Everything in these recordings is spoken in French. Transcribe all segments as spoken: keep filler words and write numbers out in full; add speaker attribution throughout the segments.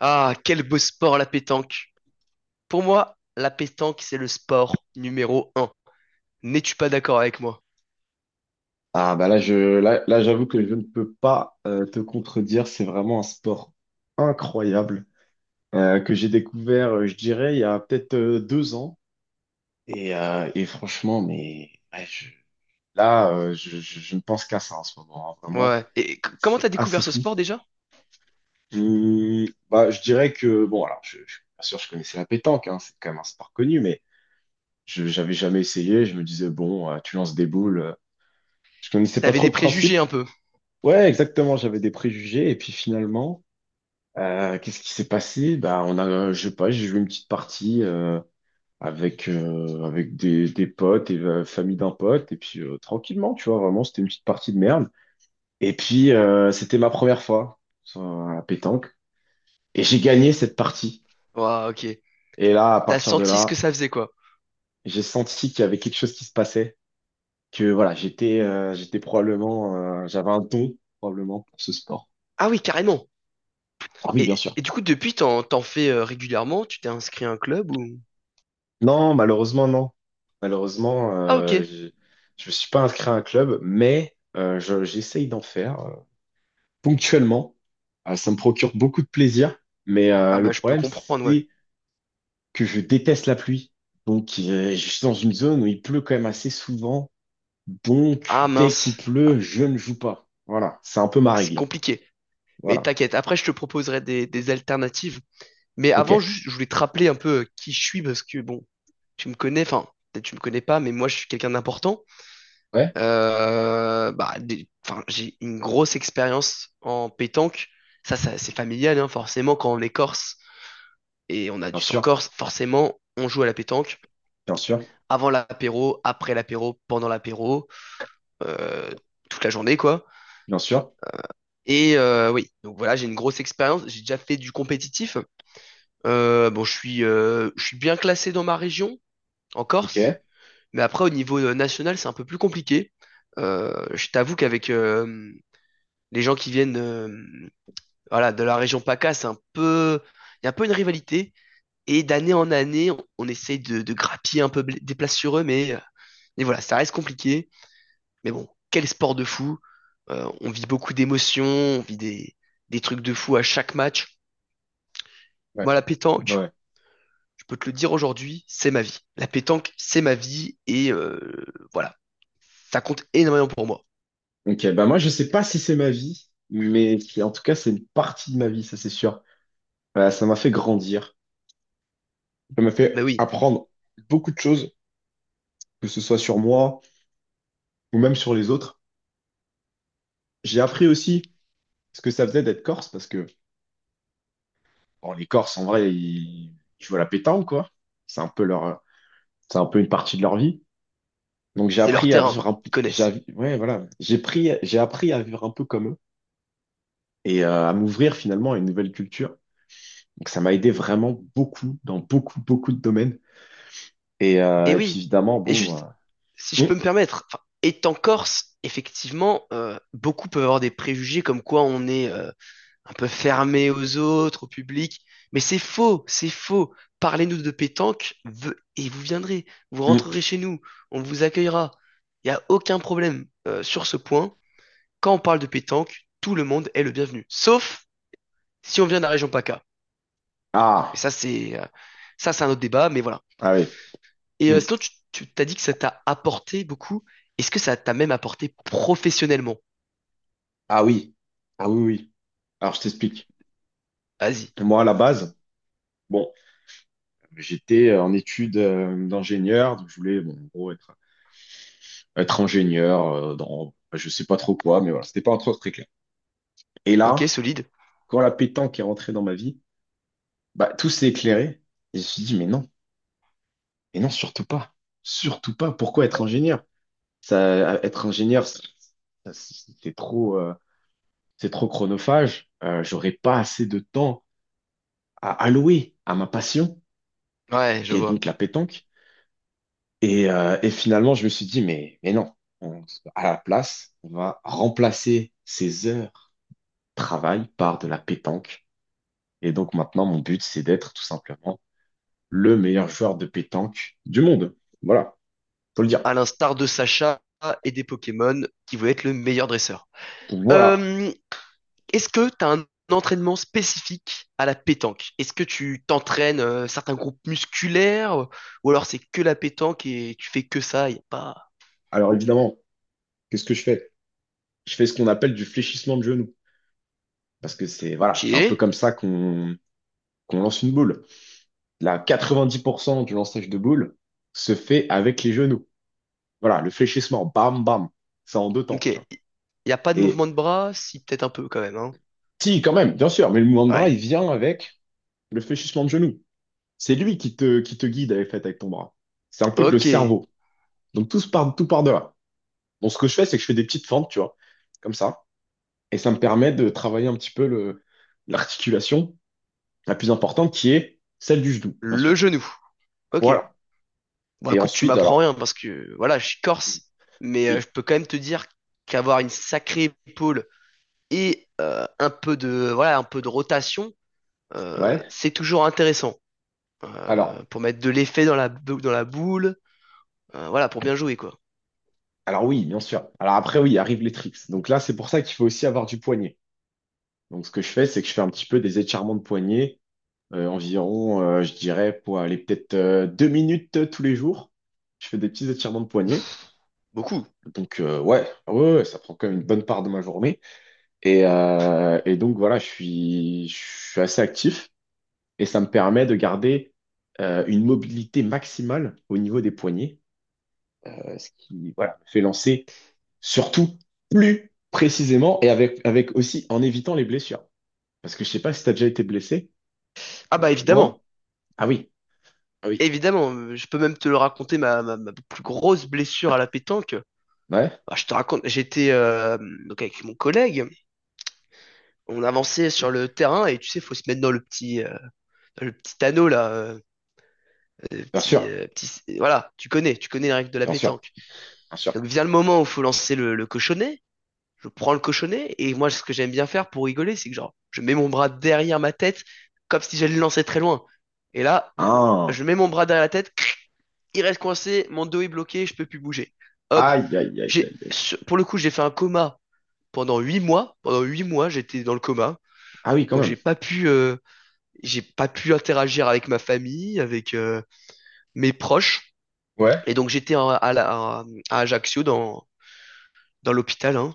Speaker 1: Ah, quel beau sport la pétanque. Pour moi, la pétanque, c'est le sport numéro un. N'es-tu pas d'accord avec moi?
Speaker 2: Ah bah, là je là, là, j'avoue que je ne peux pas euh, te contredire. C'est vraiment un sport incroyable euh, que j'ai découvert, euh, je dirais, il y a peut-être euh, deux ans. Et, euh, et franchement, mais ouais, je- là, euh, je, je- je ne pense qu'à ça en ce moment, hein, vraiment.
Speaker 1: Ouais. Et c- comment
Speaker 2: C'est
Speaker 1: t'as
Speaker 2: assez
Speaker 1: découvert ce
Speaker 2: fou.
Speaker 1: sport déjà?
Speaker 2: Hum, bah, je dirais que, bon, alors, je, je- bien sûr, je connaissais la pétanque, hein, c'est quand même un sport connu, mais je j'avais jamais essayé. Je me disais, bon, euh, tu lances des boules. euh, Je connaissais pas
Speaker 1: T'avais
Speaker 2: trop
Speaker 1: des
Speaker 2: le
Speaker 1: préjugés
Speaker 2: principe.
Speaker 1: un peu.
Speaker 2: Ouais, exactement, j'avais des préjugés. Et puis finalement, Euh, qu'est-ce qui s'est passé? Bah, on a, je sais pas, j'ai joué une petite partie euh, avec euh, avec des, des potes et la famille d'un pote et puis euh, tranquillement, tu vois, vraiment, c'était une petite partie de merde. Et puis euh, c'était ma première fois sur la pétanque et j'ai gagné cette partie.
Speaker 1: Ouais, ok.
Speaker 2: Et là, à
Speaker 1: T'as
Speaker 2: partir de
Speaker 1: senti ce que
Speaker 2: là,
Speaker 1: ça faisait, quoi.
Speaker 2: j'ai senti qu'il y avait quelque chose qui se passait, que voilà, j'étais euh, j'étais probablement, euh, j'avais un don probablement pour ce sport.
Speaker 1: Ah oui, carrément.
Speaker 2: Ah oui, bien
Speaker 1: Et,
Speaker 2: sûr.
Speaker 1: et du coup, depuis, t'en, t'en fais euh, régulièrement? Tu t'es inscrit à un club ou...
Speaker 2: Non, malheureusement, non. Malheureusement,
Speaker 1: Ah ok.
Speaker 2: euh, je je me suis pas inscrit à un club, mais euh, je- j'essaye d'en faire euh, ponctuellement. Euh, ça me procure beaucoup de plaisir, mais
Speaker 1: Ah
Speaker 2: euh, le
Speaker 1: bah, je peux
Speaker 2: problème,
Speaker 1: comprendre, ouais.
Speaker 2: c'est que je déteste la pluie. Donc, euh, je suis dans une zone où il pleut quand même assez souvent.
Speaker 1: Ah
Speaker 2: Donc, dès qu'il
Speaker 1: mince.
Speaker 2: pleut, je ne joue pas. Voilà, c'est un peu ma
Speaker 1: Ah, c'est
Speaker 2: règle.
Speaker 1: compliqué. Mais
Speaker 2: Voilà.
Speaker 1: t'inquiète, après, je te proposerai des, des alternatives. Mais avant,
Speaker 2: OK.
Speaker 1: juste, je voulais te rappeler un peu euh, qui je suis parce que bon, tu me connais, enfin, peut-être tu me connais pas, mais moi je suis quelqu'un d'important.
Speaker 2: Ouais,
Speaker 1: Euh, bah, des- enfin, j'ai une grosse expérience en pétanque. Ça, ça c'est familial, hein, forcément, quand on est corse et on a
Speaker 2: bien
Speaker 1: du sang
Speaker 2: sûr,
Speaker 1: corse, forcément, on joue à la pétanque.
Speaker 2: bien sûr,
Speaker 1: Avant l'apéro, après l'apéro, pendant l'apéro, euh, toute la journée, quoi.
Speaker 2: bien sûr.
Speaker 1: Et euh, oui, donc voilà, j'ai une grosse expérience. J'ai déjà fait du compétitif. Euh, bon, je suis, euh, je suis bien classé dans ma région, en Corse.
Speaker 2: OK.
Speaker 1: Mais après, au niveau euh, national, c'est un peu plus compliqué. Euh, je t'avoue qu'avec euh, les gens qui viennent euh, voilà, de la région P A C A, c'est un peu, il y a un peu une rivalité. Et d'année en année, on, on essaye de, de grappiller un peu bl- des places sur eux, mais, euh, mais voilà, ça reste compliqué. Mais bon, quel sport de fou. Euh, on vit beaucoup d'émotions, on vit des, des trucs de fou à chaque match.
Speaker 2: Ouais.
Speaker 1: Moi, la pétanque,
Speaker 2: Ouais.
Speaker 1: je peux te le dire aujourd'hui, c'est ma vie. La pétanque, c'est ma vie et euh, voilà, ça compte énormément pour moi.
Speaker 2: Ok, bah moi je sais pas si c'est ma vie, mais qui- en tout cas c'est une partie de ma vie, ça c'est sûr. Euh, ça m'a fait grandir, ça m'a
Speaker 1: Ah bah
Speaker 2: fait
Speaker 1: oui,
Speaker 2: apprendre beaucoup de choses, que ce soit sur moi ou même sur les autres. J'ai appris aussi ce que ça faisait d'être corse, parce que bon, les Corses en vrai, ils, tu vois, la pétanque quoi. C'est un peu leur, c'est un peu une partie de leur vie. Donc j'ai
Speaker 1: c'est leur
Speaker 2: appris à
Speaker 1: terrain,
Speaker 2: vivre un,
Speaker 1: ils
Speaker 2: p-
Speaker 1: connaissent.
Speaker 2: j'ai, ouais voilà, j'ai pris, j'ai appris à vivre un peu comme eux et euh, à m'ouvrir finalement à une nouvelle culture. Donc ça m'a aidé vraiment beaucoup dans beaucoup beaucoup de domaines. Et,
Speaker 1: Et
Speaker 2: euh, et puis
Speaker 1: oui,
Speaker 2: évidemment,
Speaker 1: et
Speaker 2: bon. Euh,
Speaker 1: juste, si je
Speaker 2: hum,
Speaker 1: peux me permettre, enfin, étant Corse, effectivement, euh, beaucoup peuvent avoir des préjugés comme quoi on est euh, un peu fermé aux autres, au public, mais c'est faux, c'est faux. Parlez-nous de pétanque ve- et vous viendrez, vous
Speaker 2: hum.
Speaker 1: rentrerez chez nous, on vous accueillera. Il n'y a aucun problème euh, sur ce point. Quand on parle de pétanque, tout le monde est le bienvenu, sauf si on vient de la région P A C A. Et
Speaker 2: Ah,
Speaker 1: ça, c'est euh, ça, c'est un autre débat, mais voilà.
Speaker 2: ah oui.
Speaker 1: Et euh,
Speaker 2: Hum.
Speaker 1: sinon, tu, tu t'as dit que ça t'a apporté beaucoup. Est-ce que ça t'a même apporté professionnellement?
Speaker 2: Ah oui. Ah oui, oui. Alors je t'explique.
Speaker 1: Vas-y.
Speaker 2: Moi, à la base, bon, j'étais en études euh, d'ingénieur, donc je voulais, bon, en gros, être, être ingénieur euh, dans enfin, je sais pas trop quoi, mais voilà, c'était pas encore très clair. Et
Speaker 1: Ok,
Speaker 2: là,
Speaker 1: solide.
Speaker 2: quand la pétanque est rentrée dans ma vie, bah tout s'est éclairé. Et je me suis dit, mais non, mais non, surtout pas. Surtout pas. Pourquoi être ingénieur? Ça, être ingénieur, c'est c'est- c'est trop. Euh, c'est trop chronophage, euh, j'aurais pas assez de temps à allouer à ma passion,
Speaker 1: Ouais, je
Speaker 2: qui est
Speaker 1: vois.
Speaker 2: donc la pétanque. Et, euh, et finalement, je me suis dit, mais, mais non, on- à la place, on va remplacer ces heures de travail par de la pétanque. Et donc maintenant, mon but, c'est d'être tout simplement le meilleur joueur de pétanque du monde. Voilà, faut le dire.
Speaker 1: À l'instar de Sacha et des Pokémon qui veulent être le meilleur dresseur.
Speaker 2: Donc voilà.
Speaker 1: Euh, Est-ce que t'as un entraînement spécifique à la pétanque? Est-ce que tu t'entraînes euh, certains groupes musculaires ou alors c'est que la pétanque et tu fais que ça? Y a pas.
Speaker 2: Alors évidemment, qu'est-ce que je fais? Je fais ce qu'on appelle du fléchissement de genou. Parce que c'est, voilà,
Speaker 1: Ok.
Speaker 2: c'est un peu comme ça qu'on qu'on lance une boule. La quatre-vingt-dix pour cent du lançage de boule se fait avec les genoux. Voilà, le fléchissement, bam, bam, ça en deux temps,
Speaker 1: Ok.
Speaker 2: tu vois.
Speaker 1: Y a pas de
Speaker 2: Et
Speaker 1: mouvement de bras? Si, peut-être un peu quand même, hein.
Speaker 2: si, quand même, bien sûr, mais le mouvement de bras,
Speaker 1: Ouais.
Speaker 2: il vient avec le fléchissement de genou. C'est lui qui te, qui te guide avec, fait, avec ton bras. C'est un peu le
Speaker 1: Ok.
Speaker 2: cerveau. Donc tout se part, tout part de là. Bon, ce que je fais, c'est que je fais des petites fentes, tu vois, comme ça. Et ça me permet de travailler un petit peu le, l'articulation la plus importante qui est celle du genou, bien sûr.
Speaker 1: Le genou. Ok.
Speaker 2: Voilà.
Speaker 1: Bon,
Speaker 2: Et
Speaker 1: écoute, tu
Speaker 2: ensuite,
Speaker 1: m'apprends
Speaker 2: alors,
Speaker 1: rien parce que voilà, je suis
Speaker 2: oui,
Speaker 1: corse, mais euh,
Speaker 2: oui,
Speaker 1: je peux quand même te dire qu'avoir une sacrée épaule et euh, un peu de voilà, un peu de rotation, euh,
Speaker 2: ouais.
Speaker 1: c'est toujours intéressant
Speaker 2: Alors,
Speaker 1: euh, pour mettre de l'effet dans la bou- dans la boule, euh, voilà, pour bien jouer quoi.
Speaker 2: Alors oui, bien sûr. Alors après, oui, arrivent les trips. Donc là, c'est pour ça qu'il faut aussi avoir du poignet. Donc ce que je fais, c'est que je fais un petit peu des étirements de poignet, euh, environ, euh, je dirais, pour aller peut-être euh, deux minutes euh, tous les jours. Je fais des petits étirements de poignet.
Speaker 1: Beaucoup.
Speaker 2: Donc euh, ouais, ouais, ouais, ouais, ça prend quand même une bonne part de ma journée. Et, euh, et donc voilà, je suis, je suis assez actif et ça me permet de garder euh, une mobilité maximale au niveau des poignets, euh, ce qui voilà, me fait lancer surtout plus précisément et avec, avec aussi en évitant les blessures. Parce que je sais pas si tu as déjà été blessé,
Speaker 1: Ah bah
Speaker 2: mais
Speaker 1: évidemment.
Speaker 2: moi, ah oui, ah oui,
Speaker 1: Évidemment, euh, je peux même te le raconter ma, ma- ma plus grosse blessure à la pétanque.
Speaker 2: ouais,
Speaker 1: Bah, je te raconte, j'étais euh, donc avec mon collègue, on avançait sur le terrain et tu sais, faut se mettre dans le petit euh, le petit anneau là, euh, le
Speaker 2: bien
Speaker 1: petit
Speaker 2: sûr,
Speaker 1: euh, petit voilà, tu connais, tu connais les règles de la
Speaker 2: bien sûr,
Speaker 1: pétanque.
Speaker 2: bien sûr.
Speaker 1: Donc vient le moment où faut lancer le, le cochonnet. Je prends le cochonnet et moi ce que j'aime bien faire pour rigoler, c'est que genre je mets mon bras derrière ma tête comme si j'allais le lancer très loin. Et là,
Speaker 2: Ah,
Speaker 1: je mets mon bras derrière la tête il reste coincé, mon dos est bloqué, je peux plus bouger. Hop,
Speaker 2: aïe, aïe, aïe, aïe,
Speaker 1: j'ai,
Speaker 2: aïe.
Speaker 1: pour le coup, j'ai fait un coma pendant huit mois. Pendant huit mois, j'étais dans le coma.
Speaker 2: Ah oui, quand
Speaker 1: Donc
Speaker 2: même.
Speaker 1: j'ai pas pu, euh, j'ai pas pu interagir avec ma famille, avec euh, mes proches.
Speaker 2: Ouais,
Speaker 1: Et donc j'étais en- à, la- à Ajaccio dans, dans l'hôpital, hein.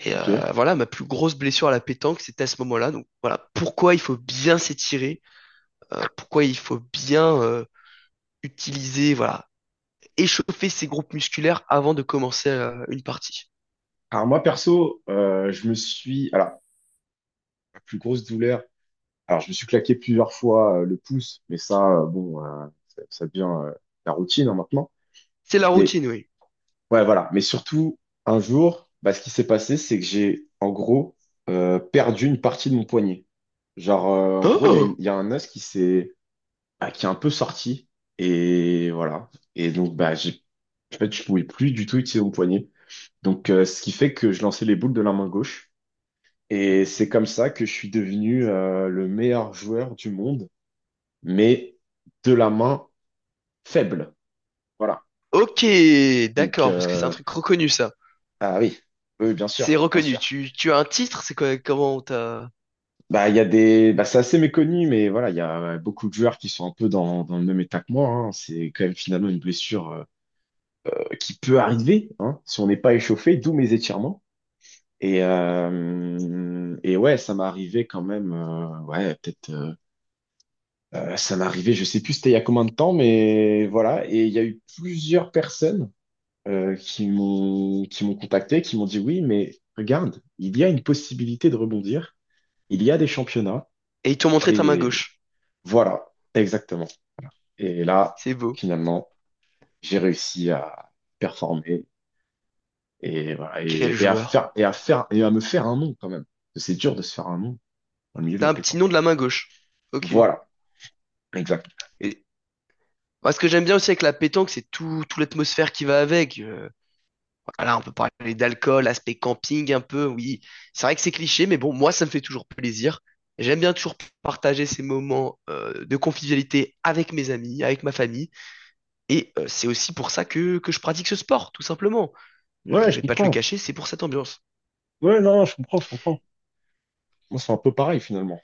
Speaker 1: Et
Speaker 2: ok.
Speaker 1: euh, voilà, ma plus grosse blessure à la pétanque, c'était à ce moment-là. Donc voilà, pourquoi il faut bien s'étirer, euh, pourquoi il faut bien euh, utiliser, voilà, échauffer ses groupes musculaires avant de commencer euh, une partie.
Speaker 2: Alors moi, perso, euh, je me suis, alors, la plus grosse douleur, alors je me suis claqué plusieurs fois euh, le pouce, mais ça, euh, bon, euh, ça, ça devient euh, la routine hein, maintenant.
Speaker 1: C'est la
Speaker 2: Mais
Speaker 1: routine, oui.
Speaker 2: ouais, voilà. Mais surtout, un jour, bah, ce qui s'est passé, c'est que j'ai, en gros, euh, perdu une partie de mon poignet. Genre, euh, en gros, il y a une-
Speaker 1: Oh!
Speaker 2: il y a un os qui s'est, ah, qui est un peu sorti. Et voilà. Et donc, bah, j'ai, en fait, je pouvais plus du tout utiliser mon poignet. Donc, euh, ce qui fait que je lançais les boules de la main gauche. Et c'est comme ça que je suis devenu, euh, le meilleur joueur du monde, mais de la main faible. Voilà.
Speaker 1: Ok,
Speaker 2: Donc,
Speaker 1: d'accord, parce que c'est un
Speaker 2: euh,
Speaker 1: truc reconnu, ça.
Speaker 2: ah oui, oui, bien
Speaker 1: C'est
Speaker 2: sûr, bien
Speaker 1: reconnu.
Speaker 2: sûr.
Speaker 1: Tu, tu as un titre, c'est quoi, comment t'as...
Speaker 2: Bah, il y a des, bah, c'est assez méconnu, mais voilà, il y a ouais, beaucoup de joueurs qui sont un peu dans, dans le même état que moi, hein. C'est quand même finalement une blessure euh, qui peut arriver, hein, si on n'est pas échauffé, d'où mes étirements. Et, euh, et ouais, ça m'est arrivé quand même. Euh, ouais, peut-être. Euh, euh, ça m'est arrivé, je sais plus c'était il y a combien de temps, mais voilà. Et il y a eu plusieurs personnes euh, qui m'ont qui m'ont contacté, qui m'ont dit oui, mais regarde, il y a une possibilité de rebondir. Il y a des championnats.
Speaker 1: Et ils t'ont montré ta main
Speaker 2: Et
Speaker 1: gauche.
Speaker 2: voilà, exactement. Et là,
Speaker 1: C'est beau.
Speaker 2: finalement, j'ai réussi à performer et voilà,
Speaker 1: Quel
Speaker 2: et, et à
Speaker 1: joueur.
Speaker 2: faire et à faire et à me faire un nom quand même. Parce que c'est dur de se faire un nom dans le milieu de
Speaker 1: T'as
Speaker 2: la
Speaker 1: un petit
Speaker 2: pétanque.
Speaker 1: nom de la main gauche. Ok.
Speaker 2: Voilà, exact.
Speaker 1: Et, moi, ce que j'aime bien aussi avec la pétanque, c'est tout, tout l'atmosphère qui va avec. Euh, voilà, on peut parler d'alcool, aspect camping un peu, oui. C'est vrai que c'est cliché, mais bon, moi, ça me fait toujours plaisir. J'aime bien toujours partager ces moments euh, de convivialité avec mes amis, avec ma famille. Et euh, c'est aussi pour ça que, que je pratique ce sport, tout simplement. Je
Speaker 2: Ouais, je
Speaker 1: vais pas te le
Speaker 2: comprends.
Speaker 1: cacher, c'est pour cette ambiance.
Speaker 2: Ouais, non, je comprends, je comprends. Moi, c'est un peu pareil finalement.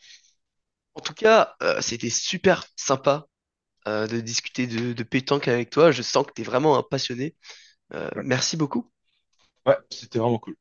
Speaker 1: En tout cas, euh, c'était super sympa euh, de discuter de, de pétanque avec toi. Je sens que tu es vraiment un passionné. Euh,
Speaker 2: Ouais,
Speaker 1: merci beaucoup.
Speaker 2: ouais, c'était vraiment cool.